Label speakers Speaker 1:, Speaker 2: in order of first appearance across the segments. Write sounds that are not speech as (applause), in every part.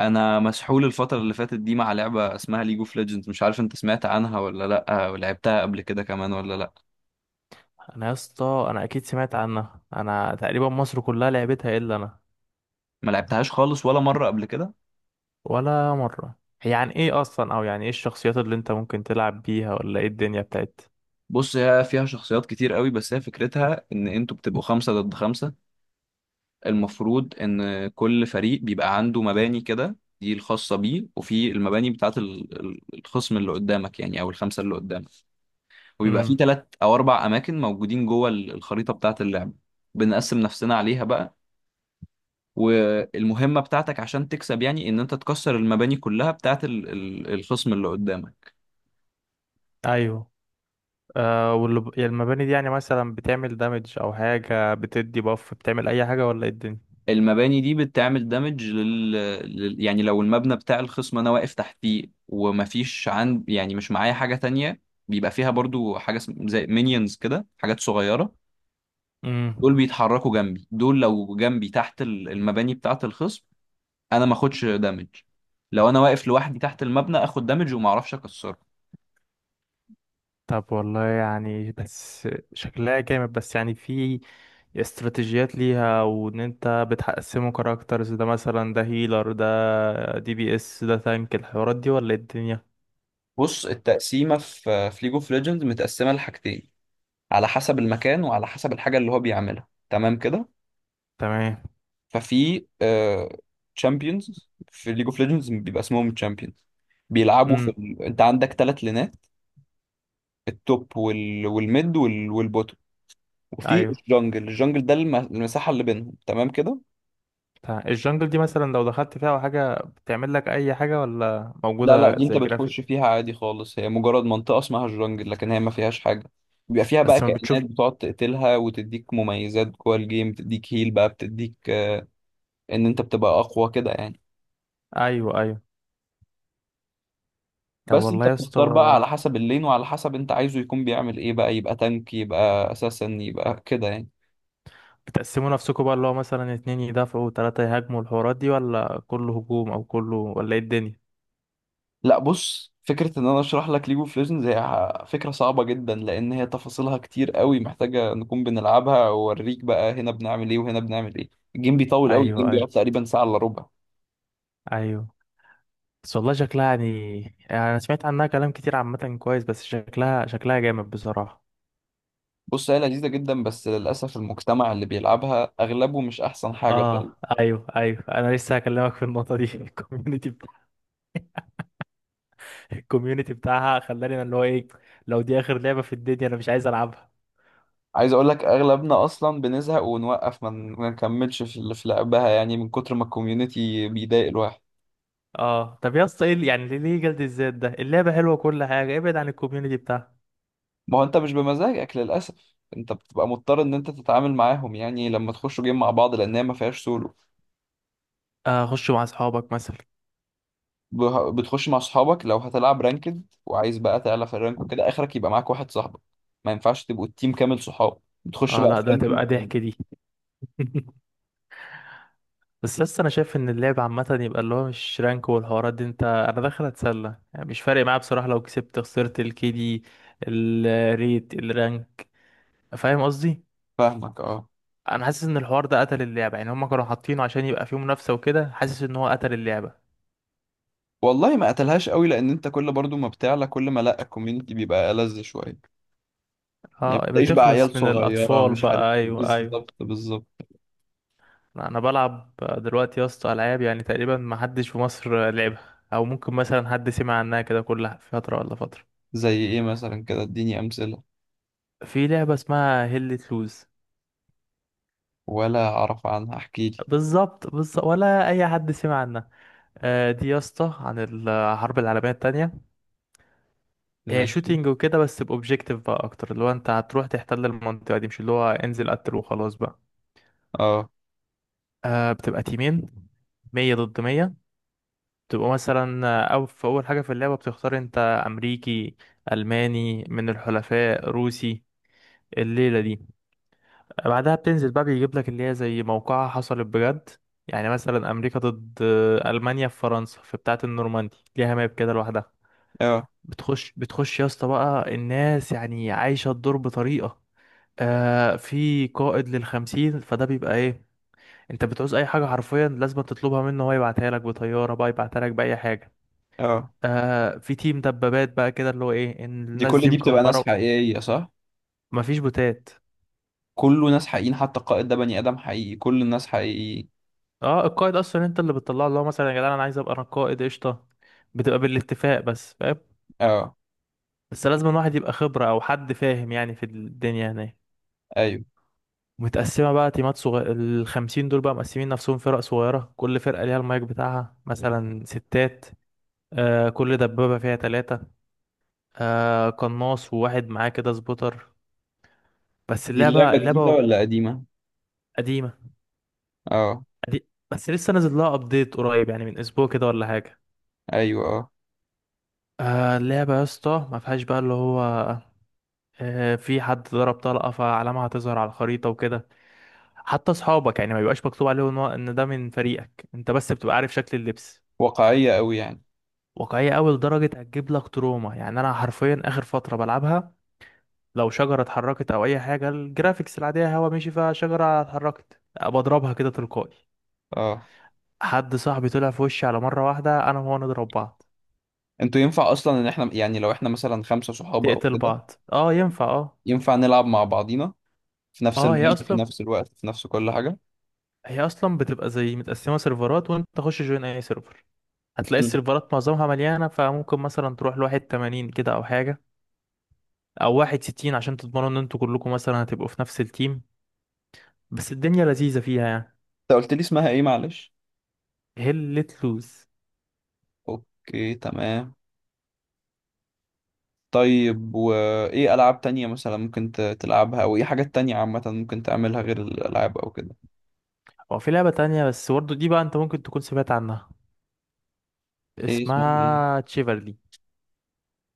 Speaker 1: انا مسحول الفتره اللي فاتت دي مع لعبه اسمها ليج اوف ليجندز. مش عارف انت سمعت عنها ولا لا، ولعبتها قبل كده كمان ولا لا؟
Speaker 2: انا، يا اسطى، انا اكيد سمعت عنها. انا تقريبا مصر كلها لعبتها الا انا.
Speaker 1: ما لعبتهاش خالص ولا مره قبل كده.
Speaker 2: ولا مره. هي عن ايه اصلا؟ او يعني ايه الشخصيات اللي انت ممكن تلعب بيها؟ ولا ايه الدنيا بتاعتها؟
Speaker 1: بص، هي فيها شخصيات كتير قوي، بس هي فكرتها ان انتوا بتبقوا خمسة ضد خمسة. المفروض ان كل فريق بيبقى عنده مباني كده دي الخاصة بيه، وفي المباني بتاعت الخصم اللي قدامك يعني، او الخمسة اللي قدامك. وبيبقى في
Speaker 2: امم.
Speaker 1: ثلاث او اربع اماكن موجودين جوه الخريطة بتاعت اللعبة. بنقسم نفسنا عليها بقى. والمهمة بتاعتك عشان تكسب يعني ان انت تكسر المباني كلها بتاعت الخصم اللي قدامك.
Speaker 2: ايوه. آه، واللي يعني المباني دي يعني مثلا بتعمل دامج او حاجه بتدي باف، بتعمل اي حاجه ولا ايه الدنيا؟
Speaker 1: المباني دي بتعمل دامج يعني لو المبنى بتاع الخصم انا واقف تحتيه ومفيش عند، يعني مش معايا حاجة تانية. بيبقى فيها برضو حاجة زي مينيونز كده، حاجات صغيرة. دول
Speaker 2: امم.
Speaker 1: بيتحركوا جنبي، دول لو جنبي تحت المباني بتاعت الخصم انا ما اخدش دامج. لو انا واقف لوحدي تحت المبنى اخد دامج وما اعرفش اكسره.
Speaker 2: طب والله يعني بس شكلها جامد، بس يعني في استراتيجيات ليها، وان انت بتقسمه كاركترز، ده مثلا ده هيلر، ده دي بي اس، ده تانك، الحوارات دي ولا إيه الدنيا؟
Speaker 1: بص، التقسيمة في ليج اوف ليجندز متقسمة لحاجتين، على حسب المكان وعلى حسب الحاجة اللي هو بيعملها، تمام كده.
Speaker 2: تمام.
Speaker 1: ففي تشامبيونز، في ليج اوف ليجندز بيبقى اسمهم تشامبيونز. بيلعبوا في
Speaker 2: امم.
Speaker 1: انت عندك ثلاث لينات: التوب والميد والبوتو. وفي
Speaker 2: ايوه.
Speaker 1: الجنجل، الجنجل ده المساحة اللي بينهم، تمام كده.
Speaker 2: تمام. الجنجل دي مثلا لو دخلت فيها او حاجه بتعمل لك اي حاجه؟ ولا
Speaker 1: لا لا،
Speaker 2: موجوده
Speaker 1: دي انت
Speaker 2: زي
Speaker 1: بتخش
Speaker 2: جرافيك؟
Speaker 1: فيها عادي خالص، هي مجرد منطقة اسمها الجنجل، لكن هي ما فيهاش حاجة. بيبقى فيها بقى
Speaker 2: بس ما
Speaker 1: كائنات
Speaker 2: بتشوف.
Speaker 1: بتقعد تقتلها وتديك مميزات جوه الجيم، بتديك هيل بقى، بتديك آه، ان انت بتبقى اقوى كده يعني.
Speaker 2: ايوه، ايوه. طب
Speaker 1: بس
Speaker 2: والله
Speaker 1: انت
Speaker 2: يا اسطى،
Speaker 1: بتختار بقى على حسب اللين، وعلى حسب انت عايزه يكون بيعمل ايه، بقى يبقى تانك، يبقى اساسا، يبقى كده يعني.
Speaker 2: بتقسموا نفسكم بقى اللي هو مثلا 2 يدافعوا وتلاتة يهاجموا، الحوارات دي ولا كله هجوم او كله، ولا ايه الدنيا؟
Speaker 1: لا بص، فكرة ان انا اشرح لك ليج اوف ليجندز هي فكرة صعبة جدا، لان هي تفاصيلها كتير قوي، محتاجة نكون بنلعبها واوريك بقى هنا بنعمل ايه وهنا بنعمل ايه. الجيم بيطول قوي،
Speaker 2: ايوه،
Speaker 1: الجيم بيقعد
Speaker 2: ايوه،
Speaker 1: تقريبا ساعة الا ربع.
Speaker 2: ايوه. بس والله شكلها يعني، يعني انا سمعت عنها كلام كتير عامة كويس، بس شكلها جامد بصراحة.
Speaker 1: بص، هي لذيذة جدا، بس للأسف المجتمع اللي بيلعبها أغلبه مش أحسن حاجة فعلا.
Speaker 2: اه، ايوه ايوه، انا لسه هكلمك في النقطة دي (laughs) الكوميونتي بتاعها خلاني أنا اللي هو ايه، لو دي اخر لعبة في الدنيا انا مش عايز العبها.
Speaker 1: عايز أقول لك أغلبنا أصلا بنزهق ونوقف، ما نكملش في لعبها، يعني من كتر ما الكوميونتي بيضايق الواحد.
Speaker 2: اه، طب يا اسطى، ايه يعني ليه جلد الذات ده؟ اللعبة حلوة وكل حاجة، ابعد عن الكوميونتي بتاعها.
Speaker 1: ما هو انت مش بمزاجك للاسف، انت بتبقى مضطر ان انت تتعامل معاهم يعني لما تخشوا جيم مع بعض، لان هي ما فيهاش سولو.
Speaker 2: آه، خش مع اصحابك مثلا.
Speaker 1: بتخش مع اصحابك. لو هتلعب رانكد وعايز بقى تعلى في الرانك وكده، اخرك يبقى معاك واحد صاحبك، ما ينفعش تبقوا التيم كامل صحاب، بتخش
Speaker 2: اه
Speaker 1: بقى
Speaker 2: لا،
Speaker 1: في
Speaker 2: ده
Speaker 1: رانكينج
Speaker 2: هتبقى
Speaker 1: تاني.
Speaker 2: ضحك دي (laughs) بس لسه انا شايف ان اللعب عامه يبقى اللي هو مش رانك والحوارات دي، انت انا داخل اتسلى يعني، مش فارق معايا بصراحه لو كسبت خسرت الكي دي الريت الرانك. فاهم قصدي؟
Speaker 1: فاهمك، اه.
Speaker 2: انا حاسس ان الحوار ده قتل اللعبه، يعني هم كانوا حاطينه عشان يبقى فيه منافسه وكده، حاسس ان هو قتل اللعبه.
Speaker 1: والله ما قتلهاش قوي، لان انت كل برضو ما بتعلى، كل ما لا الكوميونتي بيبقى ألذ شويه. يعني
Speaker 2: اه،
Speaker 1: بتلاقيش بقى
Speaker 2: بتخلص
Speaker 1: عيال
Speaker 2: من
Speaker 1: صغيره
Speaker 2: الاطفال
Speaker 1: مش عارف
Speaker 2: بقى،
Speaker 1: إيه.
Speaker 2: ايوه ايوه.
Speaker 1: بالظبط بالظبط.
Speaker 2: انا بلعب دلوقتي يا اسطى العاب يعني تقريبا ما حدش في مصر لعبها، او ممكن مثلا حد سمع عنها كده كلها فتره ولا فتره.
Speaker 1: زي ايه مثلا كده، اديني امثله.
Speaker 2: في لعبه اسمها هيل لوز.
Speaker 1: ولا اعرف عنها، احكي لي.
Speaker 2: بالظبط بالظبط، ولا اي حد سمع عنها. آه، دي يا اسطى عن الحرب العالميه التانية. هي
Speaker 1: ماشي.
Speaker 2: شوتينج وكده، بس باوبجيكتيف بقى اكتر، اللي هو انت هتروح تحتل المنطقه دي، مش اللي هو انزل قتل وخلاص بقى.
Speaker 1: اه.
Speaker 2: آه، بتبقى تيمين، 100 ضد 100. بتبقى مثلا آه، او في اول حاجه في اللعبه بتختار انت: امريكي، الماني من الحلفاء، روسي، الليله دي. بعدها بتنزل بقى، بيجيب لك اللي هي زي موقعها حصلت بجد، يعني مثلا امريكا ضد المانيا في فرنسا، في بتاعه النورماندي، ليها ماب كده لوحدها.
Speaker 1: اه.
Speaker 2: بتخش يا اسطى بقى، الناس يعني عايشه الدور بطريقه. آه، في قائد للخمسين، فده بيبقى ايه، انت بتعوز اي حاجه حرفيا لازم تطلبها منه، هو يبعتها لك بطياره بقى، يبعتها لك باي حاجه.
Speaker 1: اه،
Speaker 2: آه، في تيم دبابات بقى كده، اللي هو ايه ان
Speaker 1: دي
Speaker 2: الناس
Speaker 1: كل
Speaker 2: دي
Speaker 1: دي بتبقى ناس
Speaker 2: مكمبره.
Speaker 1: حقيقية صح؟
Speaker 2: مفيش بوتات.
Speaker 1: كله ناس حقيقيين، حتى القائد ده بني آدم حقيقي، كل الناس حقيقيين.
Speaker 2: اه، القائد اصلا انت اللي بتطلع له مثلا يا جدعان انا عايز ابقى انا قائد، قشطه، بتبقى بالاتفاق، بس فاهم.
Speaker 1: اه،
Speaker 2: بس لازم الواحد يبقى خبره او حد فاهم يعني في الدنيا هناك.
Speaker 1: ايوه.
Speaker 2: متقسمه بقى تيمات صغيره، الخمسين دول بقى مقسمين نفسهم فرق صغيره، كل فرقه ليها المايك بتاعها، مثلا 6. آه، كل دبابه فيها 3. آه، قناص وواحد معاه كده سبوتر. بس
Speaker 1: دي
Speaker 2: اللعبه
Speaker 1: اللعبة جديدة
Speaker 2: اللعبه
Speaker 1: ولا قديمة؟
Speaker 2: قديمه.
Speaker 1: اه.
Speaker 2: بس لسه نازل لها ابديت قريب، يعني من اسبوع كده ولا حاجه.
Speaker 1: ايوه. اه.
Speaker 2: آه، اللعبة يا اسطى ما فيهاش بقى اللي هو، آه، في حد ضرب طلقة فعلامة هتظهر على الخريطة وكده، حتى أصحابك يعني ما بيبقاش مكتوب عليه إن ده من فريقك، أنت بس بتبقى عارف شكل اللبس.
Speaker 1: واقعية قوي يعني.
Speaker 2: واقعية أوي لدرجة هتجيب لك تروما، يعني أنا حرفيا آخر فترة بلعبها، لو شجرة اتحركت أو أي حاجة، الجرافيكس العادية هوا مشي، فشجرة اتحركت بضربها كده تلقائي.
Speaker 1: اه،
Speaker 2: حد صاحبي طلع في وشي على مرة واحدة، أنا وهو نضرب بعض.
Speaker 1: انتوا ينفع اصلا ان احنا يعني لو احنا مثلا خمسة صحاب او
Speaker 2: تقتل
Speaker 1: كده،
Speaker 2: بعض، اه ينفع اه.
Speaker 1: ينفع نلعب مع بعضينا في نفس
Speaker 2: اه، هي
Speaker 1: الماب في
Speaker 2: أصلا
Speaker 1: نفس الوقت في نفس كل حاجة؟
Speaker 2: هي أصلا بتبقى زي متقسمة سيرفرات، وأنت تخش جوين أي سيرفر، هتلاقي
Speaker 1: مم. انت
Speaker 2: السيرفرات معظمها مليانة، فممكن مثلا تروح لواحد 80 كده أو حاجة، أو واحد 60، عشان تضمنوا إن انتوا كلكم مثلا هتبقوا في نفس التيم. بس الدنيا لذيذة فيها يعني.
Speaker 1: قلت لي اسمها ايه معلش؟
Speaker 2: هل لوز.
Speaker 1: اوكي، تمام. طيب، وايه العاب تانية مثلا ممكن تلعبها، او ايه حاجات تانية عامة ممكن تعملها غير الالعاب او كده؟
Speaker 2: هو في لعبة تانية بس برضه دي بقى أنت ممكن تكون سمعت عنها،
Speaker 1: ايه اسمها؟ ايه؟
Speaker 2: اسمها تشيفرلي.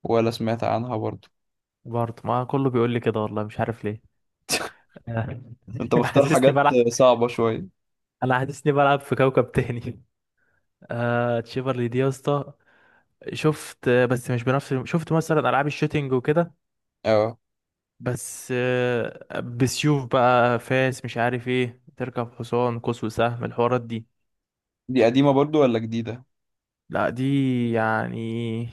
Speaker 1: ولا سمعت عنها برضو.
Speaker 2: برضه ما كله بيقول لي كده، والله مش عارف ليه
Speaker 1: (laughs) انت
Speaker 2: (laughs)
Speaker 1: مختار
Speaker 2: حاسسني
Speaker 1: حاجات
Speaker 2: بلعب،
Speaker 1: صعبة شوية.
Speaker 2: أنا حاسسني بلعب في كوكب تاني. آه، تشيفرلي دي يا اسطى شفت، بس مش بنفس، شفت مثلا ألعاب الشوتينج وكده،
Speaker 1: اه،
Speaker 2: بس آه، بسيوف بقى، فاس، مش عارف ايه، تركب حصان، قوس وسهم، الحوارات دي.
Speaker 1: دي قديمة برضو ولا جديدة؟
Speaker 2: لا دي يعني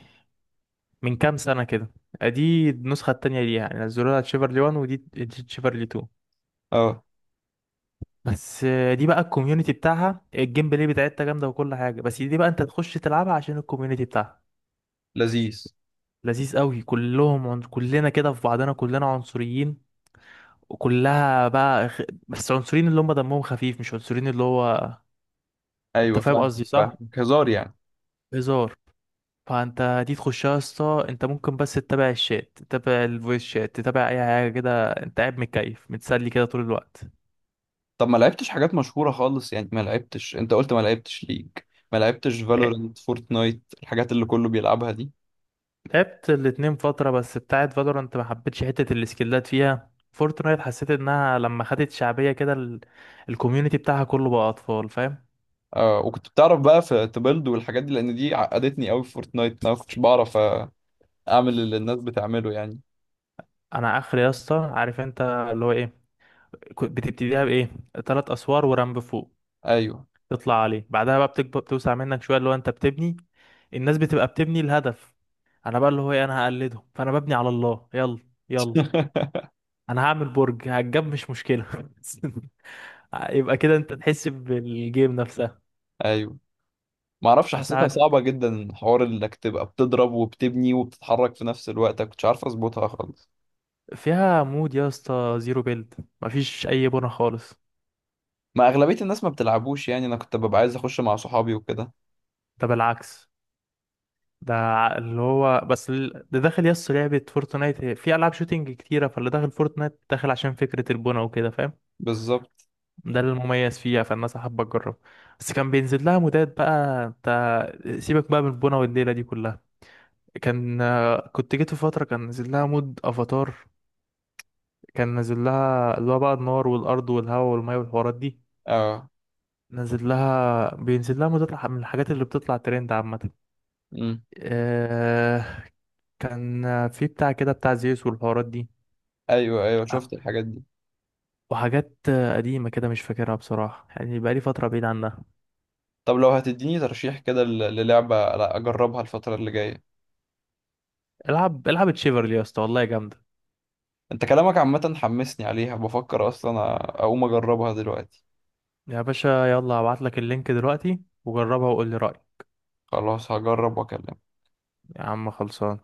Speaker 2: من كام سنة كده. دي النسخة التانية ليها، يعني نزلوها تشيفرلي 1 ودي تشيفرلي 2.
Speaker 1: اه.
Speaker 2: بس آه، دي بقى الكوميونتي بتاعها الجيم بلاي بتاعتها جامدة وكل حاجة، بس دي بقى انت تخش تلعبها عشان الكوميونتي بتاعها.
Speaker 1: لذيذ.
Speaker 2: لذيذ قوي، كلنا كده في بعضنا كلنا عنصريين، وكلها بقى بس عنصريين اللي هم دمهم خفيف، مش عنصريين اللي هو، انت
Speaker 1: ايوه
Speaker 2: فاهم
Speaker 1: فاهمك
Speaker 2: قصدي صح،
Speaker 1: فاهمك، هزار يعني.
Speaker 2: هزار. فانت دي تخشها يا اسطى، انت ممكن بس تتابع الشات، تتابع الفويس شات، تتابع اي حاجه كده، انت قاعد متكيف متسلي كده طول الوقت.
Speaker 1: طب ما لعبتش حاجات مشهورة خالص يعني؟ ما لعبتش، انت قلت ما لعبتش ليج، ما لعبتش
Speaker 2: لا-
Speaker 1: فالورنت، فورتنايت، الحاجات اللي كله بيلعبها دي.
Speaker 2: لعبت الاتنين فتره، بس بتاعت فالورانت ما حبيتش حته السكيلات فيها، فورتنايت حسيت انها لما خدت شعبيه كده الكوميونتي بتاعها كله بقى اطفال فاهم.
Speaker 1: اه، وكنت بتعرف بقى في تبلد والحاجات دي؟ لان دي عقدتني قوي في فورتنايت، انا ما كنتش بعرف اعمل اللي الناس بتعمله يعني.
Speaker 2: انا اخر يا اسطى عارف انت اللي هو ايه، بتبتديها بايه؟ 3 اسوار ورمب فوق
Speaker 1: ايوه.
Speaker 2: تطلع عليه، بعدها بقى بتكبر بتوسع منك شويه اللي هو انت بتبني، الناس بتبقى بتبني الهدف، انا بقى اللي هو ايه، انا هقلدهم، فانا ببني على الله، يلا يلا،
Speaker 1: (laughs)
Speaker 2: انا هعمل برج هتجاب مش مشكلة (laughs) يبقى كده انت تحس بالجيم نفسها.
Speaker 1: ايوه. ما اعرفش،
Speaker 2: بس
Speaker 1: حسيتها
Speaker 2: عارف
Speaker 1: صعبه جدا، حوار انك تبقى بتضرب وبتبني وبتتحرك في نفس الوقت أنا كنتش عارف اظبطها خالص.
Speaker 2: فيها مود يا اسطى زيرو بيلد، مفيش اي بنا خالص.
Speaker 1: ما اغلبيه الناس ما بتلعبوش يعني، انا كنت ببقى عايز اخش مع صحابي وكده.
Speaker 2: ده بالعكس، ده اللي هو بس، ده داخل يا اسطى لعبة فورتنايت في العاب شوتينج كتيرة، فاللي داخل فورتنايت داخل عشان فكرة البنا وكده فاهم،
Speaker 1: بالظبط.
Speaker 2: ده المميز فيها، فالناس حابة تجرب. بس كان بينزل لها مودات بقى، انت سيبك بقى من البونة والليلة دي كلها، كان كنت جيت في فترة كان نازل لها مود افاتار، كان نازل لها اللي هو بقى النار والارض والهواء والمية والحوارات دي،
Speaker 1: اه.
Speaker 2: نازل لها بينزل لها مودات من الحاجات اللي بتطلع ترند عامة.
Speaker 1: امم.
Speaker 2: آه، كان في بتاع كده بتاع زيوس والحوارات دي،
Speaker 1: ايوه ايوه، شفت الحاجات دي.
Speaker 2: وحاجات قديمة كده مش فاكرها بصراحة، يعني بقالي فترة بعيد عنها.
Speaker 1: طب لو هتديني ترشيح كده للعبه لا اجربها الفتره اللي جايه؟
Speaker 2: العب العب تشيفرلي يا اسطى، والله جامدة.
Speaker 1: انت كلامك عامه حمسني عليها، بفكر اصلا اقوم اجربها دلوقتي.
Speaker 2: يا باشا، يلا هبعت لك اللينك دلوقتي، وجربها وقول لي رأيك.
Speaker 1: خلاص هجرب واكلمك.
Speaker 2: يا عم خلصان.